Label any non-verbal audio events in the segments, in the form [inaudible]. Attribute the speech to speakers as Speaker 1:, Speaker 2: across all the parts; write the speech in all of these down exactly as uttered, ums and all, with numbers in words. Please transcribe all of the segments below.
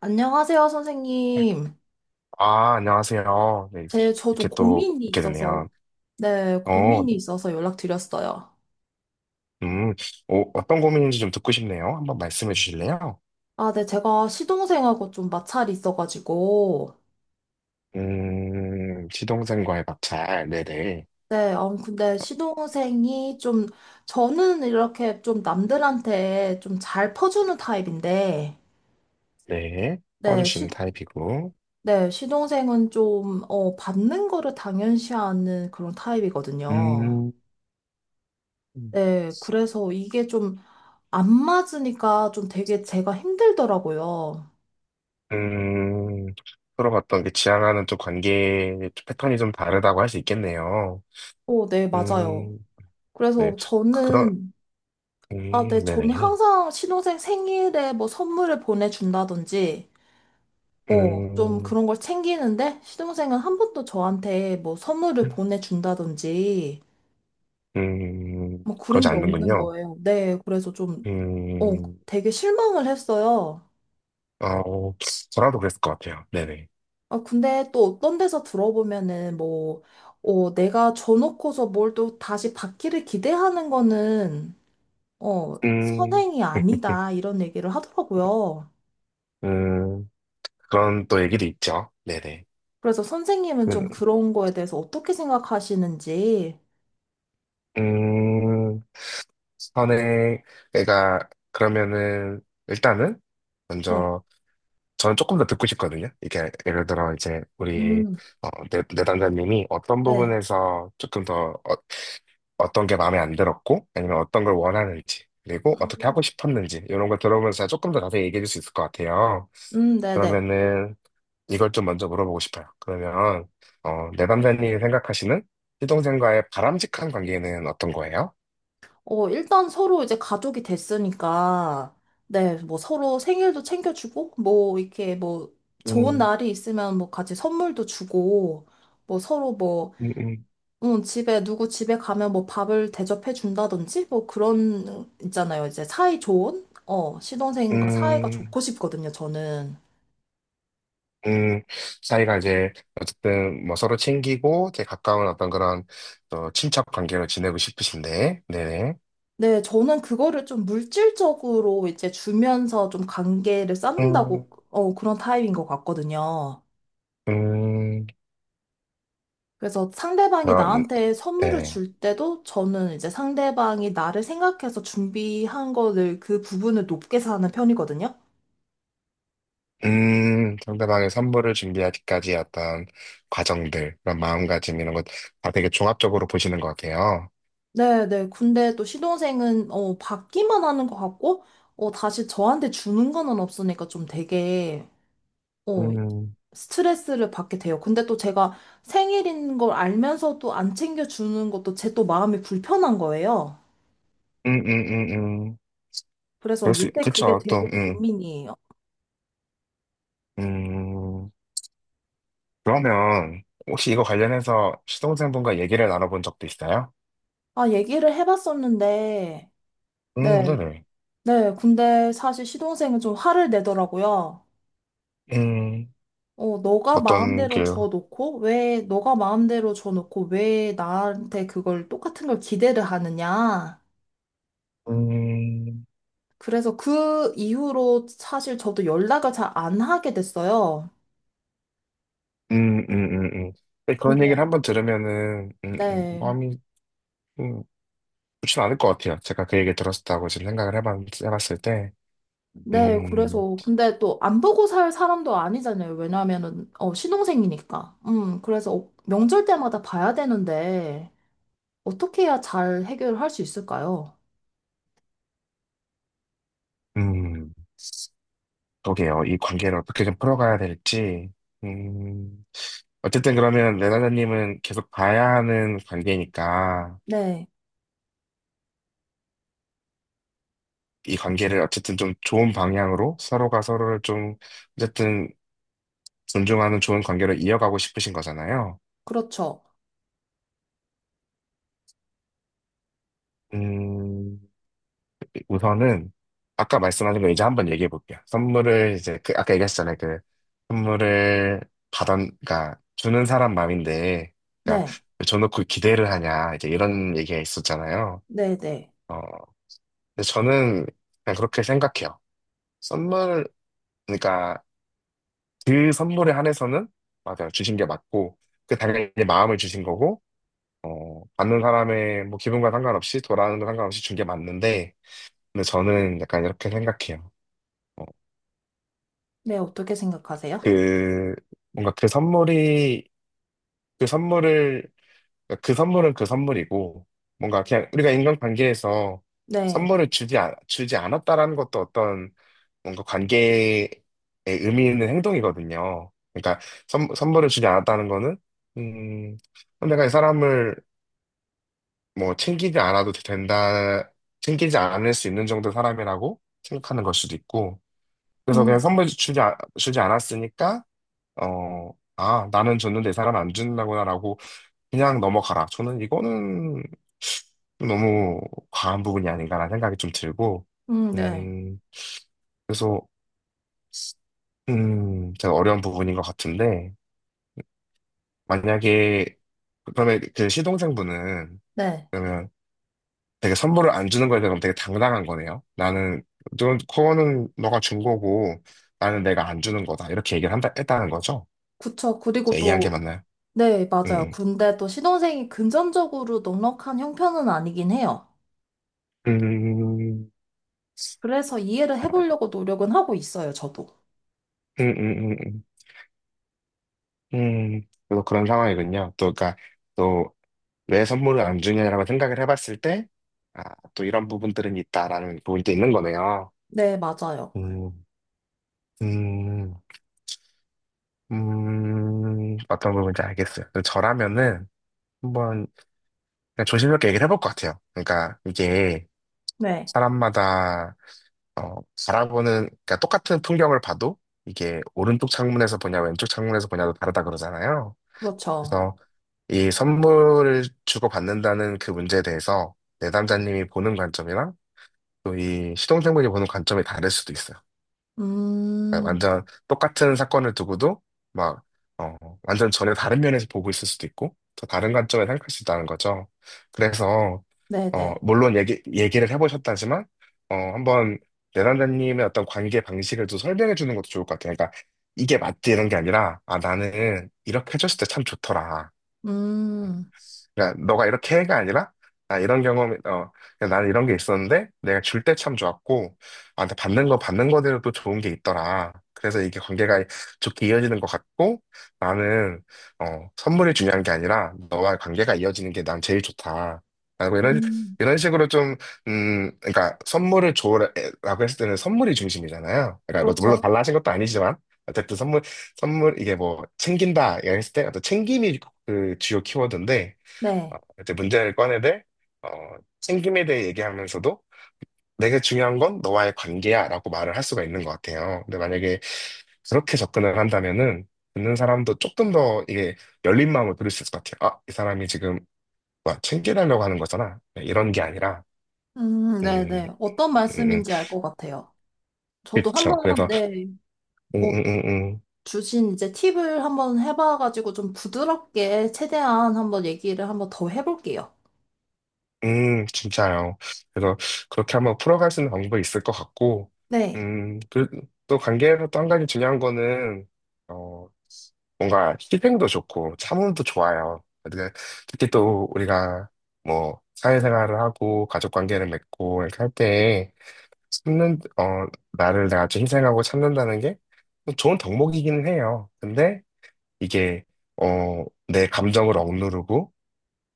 Speaker 1: 안녕하세요, 선생님.
Speaker 2: 아, 안녕하세요. 네,
Speaker 1: 제, 저도
Speaker 2: 이렇게 또
Speaker 1: 고민이
Speaker 2: 뵙게
Speaker 1: 있어서,
Speaker 2: 되네요.
Speaker 1: 네,
Speaker 2: 어,
Speaker 1: 고민이 있어서 연락드렸어요.
Speaker 2: 음, 어, 어떤 고민인지 좀 듣고 싶네요. 한번 말씀해 주실래요?
Speaker 1: 아, 네, 제가 시동생하고 좀 마찰이 있어가지고,
Speaker 2: 음, 시동생과의 마찰, 네네.
Speaker 1: 네, 어 근데 시동생이 좀, 저는 이렇게 좀 남들한테 좀 잘 퍼주는 타입인데,
Speaker 2: 네,
Speaker 1: 네, 시,
Speaker 2: 써주시는 타입이고.
Speaker 1: 네, 시동생은 좀, 어, 받는 거를 당연시하는 그런 타입이거든요.
Speaker 2: 음,
Speaker 1: 네, 그래서 이게 좀 안 맞으니까 좀 되게 제가 힘들더라고요.
Speaker 2: 음, 들어봤던 게 지향하는 또 관계 패턴이 좀 다르다고 할 수 있겠네요.
Speaker 1: 어, 네, 맞아요.
Speaker 2: 음. 네,
Speaker 1: 그래서
Speaker 2: 그런.
Speaker 1: 저는, 아, 네,
Speaker 2: 음.
Speaker 1: 저는
Speaker 2: 네네.
Speaker 1: 항상 신혼생 생일에 뭐 선물을 보내준다든지, 어, 좀
Speaker 2: 음.
Speaker 1: 그런 걸 챙기는데, 신혼생은 한 번도 저한테 뭐 선물을 보내준다든지,
Speaker 2: 음.
Speaker 1: 뭐 그런
Speaker 2: 그러지
Speaker 1: 게 없는
Speaker 2: 않는군요.
Speaker 1: 거예요. 네, 그래서 좀, 어,
Speaker 2: 음.
Speaker 1: 되게 실망을 했어요.
Speaker 2: 아, 어, 저라도 그랬을 것 같아요. 네네.
Speaker 1: 아, 근데 또 어떤 데서 들어보면은 뭐, 어, 내가 줘놓고서 뭘 또 다시 받기를 기대하는 거는 어,
Speaker 2: 음.
Speaker 1: 선행이 아니다, 이런 얘기를 하더라고요.
Speaker 2: 음. 그런 또 얘기도 있죠. 네네.
Speaker 1: 그래서 선생님은 좀 그런 거에 대해서 어떻게 생각하시는지.
Speaker 2: 음. 선행. 내가. 그러면은, 일단은,
Speaker 1: 네.
Speaker 2: 먼저, 저는 조금 더 듣고 싶거든요. 이게, 예를 들어, 이제, 우리,
Speaker 1: 음,
Speaker 2: 어, 내, 내담자님이 어떤
Speaker 1: 네.
Speaker 2: 부분에서 조금 더, 어, 떤게 마음에 안 들었고, 아니면 어떤 걸 원하는지, 그리고 어떻게 하고
Speaker 1: 음,
Speaker 2: 싶었는지, 이런 걸 들어보면서 조금 더 자세히 얘기해 줄 수 있을 것 같아요.
Speaker 1: 음, 네네.
Speaker 2: 그러면은, 이걸 좀 먼저 물어보고 싶어요. 그러면, 어, 내담자님이 생각하시는 시동생과의 바람직한 관계는 어떤 거예요?
Speaker 1: 어, 일단 서로 이제 가족이 됐으니까, 네, 뭐 서로 생일도 챙겨주고, 뭐 이렇게 뭐 좋은
Speaker 2: 음.
Speaker 1: 날이 있으면 뭐 같이 선물도 주고, 뭐 서로 뭐
Speaker 2: 음. 음.
Speaker 1: 응, 집에, 누구 집에 가면 뭐 밥을 대접해 준다든지, 뭐 그런, 있잖아요. 이제 사이 좋은? 어, 시동생과 사이가
Speaker 2: 음.
Speaker 1: 좋고 싶거든요, 저는.
Speaker 2: 음. 사이가 이제, 어쨌든, 뭐 서로 챙기고, 되게 가까운 어떤 그런, 어, 친척 관계로 지내고 싶으신데, 네네.
Speaker 1: 네, 저는 그거를 좀 물질적으로 이제 주면서 좀 관계를
Speaker 2: 음.
Speaker 1: 쌓는다고, 어, 그런 타입인 것 같거든요.
Speaker 2: 음.
Speaker 1: 그래서 상대방이
Speaker 2: 그런.
Speaker 1: 나한테 선물을
Speaker 2: 네네.
Speaker 1: 줄 때도 저는 이제 상대방이 나를 생각해서 준비한 거를 그 부분을 높게 사는 편이거든요.
Speaker 2: 음. 상대방의 선물을 준비하기까지 어떤 과정들, 그런 마음가짐 이런 것 다 되게 종합적으로 보시는 것 같아요.
Speaker 1: 네, 네. 근데 또 시동생은 어 받기만 하는 것 같고 어 다시 저한테 주는 거는 없으니까 좀 되게 어
Speaker 2: 음.
Speaker 1: 스트레스를 받게 돼요. 근데 또 제가 생일인 걸 알면서도 안 챙겨 주는 것도 제 또 마음이 불편한 거예요.
Speaker 2: 음. 음. 음. 음.
Speaker 1: 그래서
Speaker 2: 그럴 수, 있-
Speaker 1: 요새 그게
Speaker 2: 그쵸, 또.
Speaker 1: 되게
Speaker 2: 음.
Speaker 1: 고민이에요.
Speaker 2: 음. 그러면, 혹시 이거 관련해서 시동생분과 얘기를 나눠본 적도 있어요?
Speaker 1: 아, 얘기를 해봤었는데
Speaker 2: 음,
Speaker 1: 네,
Speaker 2: 네네.
Speaker 1: 네. 근데 사실 시동생은 좀 화를 내더라고요.
Speaker 2: 음.
Speaker 1: 어, 너가
Speaker 2: 어떤
Speaker 1: 마음대로
Speaker 2: 게.
Speaker 1: 줘놓고, 왜, 너가 마음대로 줘놓고, 왜 나한테 그걸 똑같은 걸 기대를 하느냐.
Speaker 2: 음.
Speaker 1: 그래서 그 이후로 사실 저도 연락을 잘 안 하게 됐어요.
Speaker 2: 음. 음. 음. 음. 근데 그런
Speaker 1: 근데,
Speaker 2: 얘기를 한번 들으면은, 음, 음,
Speaker 1: 네.
Speaker 2: 마음이, 음, 좋진 않을 것 같아요. 제가 그 얘기 들었다고 지금 생각을 해봤, 해봤을 때.
Speaker 1: 네,
Speaker 2: 음.
Speaker 1: 그래서, 근데 또 안 보고 살 사람도 아니잖아요. 왜냐면은, 어, 신혼생이니까. 음, 그래서 어, 명절 때마다 봐야 되는데, 어떻게 해야 잘 해결할 수 있을까요?
Speaker 2: 음. 그러게요. 이 관계를 어떻게 좀 풀어가야 될지. 음. 어쨌든 그러면 레나자님은 계속 봐야 하는 관계니까
Speaker 1: 네,
Speaker 2: 이 관계를 어쨌든 좀 좋은 방향으로 서로가 서로를 좀 어쨌든 존중하는 좋은 관계로 이어가고 싶으신 거잖아요.
Speaker 1: 그렇죠.
Speaker 2: 음. 우선은 아까 말씀하신 거 이제 한번 얘기해 볼게요. 선물을 이제 그 아까 얘기했잖아요. 그 선물을 받은, 그러니까 주는 사람 마음인데 그러니까
Speaker 1: 네,
Speaker 2: 왜 줘놓고 기대를 하냐, 이제 이런 얘기가 있었잖아요.
Speaker 1: 네, 네.
Speaker 2: 어, 근데 저는 그냥 그렇게 생각해요. 선물, 그러니까 그 선물에 한해서는 맞아요. 주신 게 맞고, 그 당연히 마음을 주신 거고, 어, 받는 사람의 뭐 기분과 상관없이, 돌아오는 거 상관없이 준 게 맞는데, 근데 저는 약간 이렇게 생각해요. 어,
Speaker 1: 네, 어떻게 생각하세요?
Speaker 2: 그, 뭔가 그 선물이, 그 선물을 그러니까 그 선물은 그 선물이고, 뭔가 그냥 우리가 인간관계에서
Speaker 1: 네.
Speaker 2: 선물을 주지, 않, 주지 않았다라는 것도 어떤 뭔가 관계에 의미 있는 행동이거든요. 그러니까 선, 선물을 주지 않았다는 거는, 음, 내가 이 사람을 뭐 챙기지 않아도 된다, 챙기지 않을 수 있는 정도 사람이라고 생각하는 걸 수도 있고, 그래서
Speaker 1: 음,
Speaker 2: 그냥 선물 주지, 아- 주지 않았으니까, 어, 아, 나는 줬는데 이 사람 안 준다구나라고 그냥 넘어가라. 저는 이거는 너무 과한 부분이 아닌가라는 생각이 좀 들고,
Speaker 1: 음, 네.
Speaker 2: 음. 그래서, 음, 제가 어려운 부분인 것 같은데, 만약에, 그러면 그 시동생분은,
Speaker 1: 네.
Speaker 2: 그러면 되게 선물을 안 주는 거에 대해서 되게 당당한 거네요. 나는, 넌, 그거는 너가 준 거고, 나는 내가 안 주는 거다. 이렇게 얘기를 한다, 했다는 거죠?
Speaker 1: 그쵸. 그리고
Speaker 2: 제가 이해한 게
Speaker 1: 또,
Speaker 2: 맞나요?
Speaker 1: 네, 맞아요.
Speaker 2: 음.
Speaker 1: 근데 또 신혼생이 금전적으로 넉넉한 형편은 아니긴 해요.
Speaker 2: 음. 음.
Speaker 1: 그래서 이해를 해보려고 노력은 하고 있어요, 저도.
Speaker 2: 음. 음. 음. 음. 음. 그래서 그런 상황이군요. 또, 그러니까, 또, 왜 선물을 안 주냐라고 생각을 해봤을 때, 아, 또 이런 부분들은 있다라는 부분도 있는 거네요.
Speaker 1: 네, 맞아요.
Speaker 2: 음. 음. 음. 어떤 부분인지 알겠어요. 근데 저라면은 한번 그냥 조심스럽게 얘기를 해볼 것 같아요. 그러니까 이게
Speaker 1: 네,
Speaker 2: 사람마다 어, 바라보는, 그러니까 똑같은 풍경을 봐도 이게 오른쪽 창문에서 보냐, 왼쪽 창문에서 보냐도 다르다 그러잖아요.
Speaker 1: 그렇죠.
Speaker 2: 그래서 이 선물을 주고받는다는 그 문제에 대해서 내담자님이 보는 관점이랑 또 이 시동생분이 보는 관점이 다를 수도 있어요. 그러니까
Speaker 1: 음,
Speaker 2: 완전 똑같은 사건을 두고도 막, 어, 완전 전혀 다른 면에서 보고 있을 수도 있고, 더 다른 관점에 생각할 수 있다는 거죠. 그래서, 어,
Speaker 1: 네네.
Speaker 2: 물론 얘기, 얘기를 해보셨다지만, 어, 한번 내담자님의 어떤 관계 방식을 또 설명해 주는 것도 좋을 것 같아요. 그러니까 이게 맞지 이런 게 아니라, 아, 나는 이렇게 해줬을 때 참 좋더라.
Speaker 1: 음,
Speaker 2: 그러니까 너가 이렇게 해가 아니라 아 이런 경험이 어그 나는 이런 게 있었는데 내가 줄 때 참 좋았고 아 근데 받는 거 받는 거대로 또 좋은 게 있더라. 그래서 이게 관계가 좋게 이어지는 것 같고 나는 어 선물이 중요한 게 아니라 너와 관계가 이어지는 게 난 제일 좋다. 라고 이런
Speaker 1: 음,
Speaker 2: 이런 식으로 좀 음 그러니까 선물을 줘라고 했을 때는 선물이 중심이잖아요. 그러니까 뭐 물론
Speaker 1: 그렇죠.
Speaker 2: 달라 하신 것도 아니지만 어쨌든 선물 선물 이게 뭐 챙긴다 이랬을 때 어떤 챙김이 그 주요 키워드인데 어,
Speaker 1: 네.
Speaker 2: 이제 문제를 꺼내들 어, 챙김에 대해 얘기하면서도 내게 중요한 건 너와의 관계야 라고 말을 할 수가 있는 것 같아요. 근데 만약에 그렇게 접근을 한다면은 듣는 사람도 조금 더 이게 열린 마음을 들을 수 있을 것 같아요. 아, 이 사람이 지금 뭐 챙겨달라고 하는 거잖아. 네, 이런 게 아니라
Speaker 1: 음,
Speaker 2: 음.
Speaker 1: 네네. 어떤
Speaker 2: 음. 음.
Speaker 1: 말씀인지 알 것 같아요. 저도
Speaker 2: 그쵸.
Speaker 1: 한번,
Speaker 2: 그래서
Speaker 1: 네.
Speaker 2: 음.
Speaker 1: 어,
Speaker 2: 음. 음. 음.
Speaker 1: 주신 이제 팁을 한번 해봐가지고 좀 부드럽게 최대한 한번 얘기를 한번 더 해볼게요.
Speaker 2: 음, 진짜요. 그래서 그렇게 한번 풀어갈 수 있는 방법이 있을 것 같고,
Speaker 1: 네.
Speaker 2: 음, 그, 또 관계에서 또 한 가지 중요한 거는, 어, 뭔가 희생도 좋고 참음도 좋아요. 근데 특히 또 우리가 뭐 사회생활을 하고 가족 관계를 맺고 이렇게 할 때에 참는, 어, 나를 내가 좀 희생하고 참는다는 게 좋은 덕목이기는 해요. 근데 이게, 어, 내 감정을 억누르고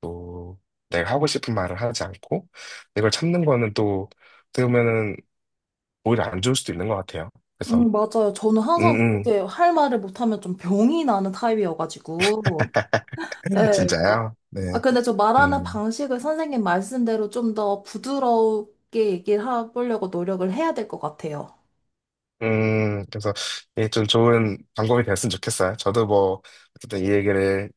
Speaker 2: 또 내가 하고 싶은 말을 하지 않고 이걸 참는 거는 또 어떻게 보면은 오히려 안 좋을 수도 있는 것 같아요. 그래서
Speaker 1: 음, 맞아요. 저는
Speaker 2: 음.
Speaker 1: 항상
Speaker 2: 음.
Speaker 1: 그렇게 할 말을 못하면 좀 병이 나는 타입이어가지고. 네.
Speaker 2: [laughs] 진짜요? 네.
Speaker 1: 아, 근데 저 말하는
Speaker 2: 음.
Speaker 1: 방식을 선생님 말씀대로 좀 더 부드럽게 얘기를 해보려고 노력을 해야 될 것 같아요.
Speaker 2: 음, 그래서 이게 좀 좋은 방법이 됐으면 좋겠어요. 저도 뭐 어쨌든 이 얘기를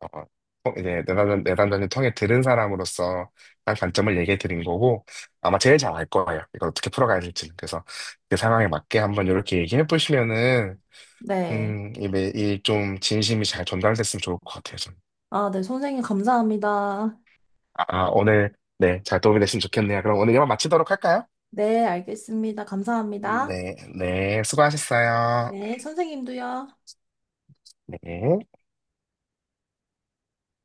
Speaker 2: 어, 어, 이제 내담전 내담 통해 들은 사람으로서 한 관점을 얘기해 드린 거고 아마 제일 잘 알 거예요. 이걸 어떻게 풀어가야 될지. 그래서 그 상황에 맞게 한번 이렇게 얘기해 보시면은
Speaker 1: 네.
Speaker 2: 음, 이 매일 좀 진심이 잘 전달됐으면 좋을 것 같아요, 저는.
Speaker 1: 아, 네. 선생님 감사합니다.
Speaker 2: 아, 아, 오늘, 네, 잘 도움이 됐으면 좋겠네요. 그럼 오늘 이만 마치도록 할까요?
Speaker 1: 네, 알겠습니다. 감사합니다.
Speaker 2: 네, 네, 수고하셨어요.
Speaker 1: 네, 선생님도요.
Speaker 2: 네.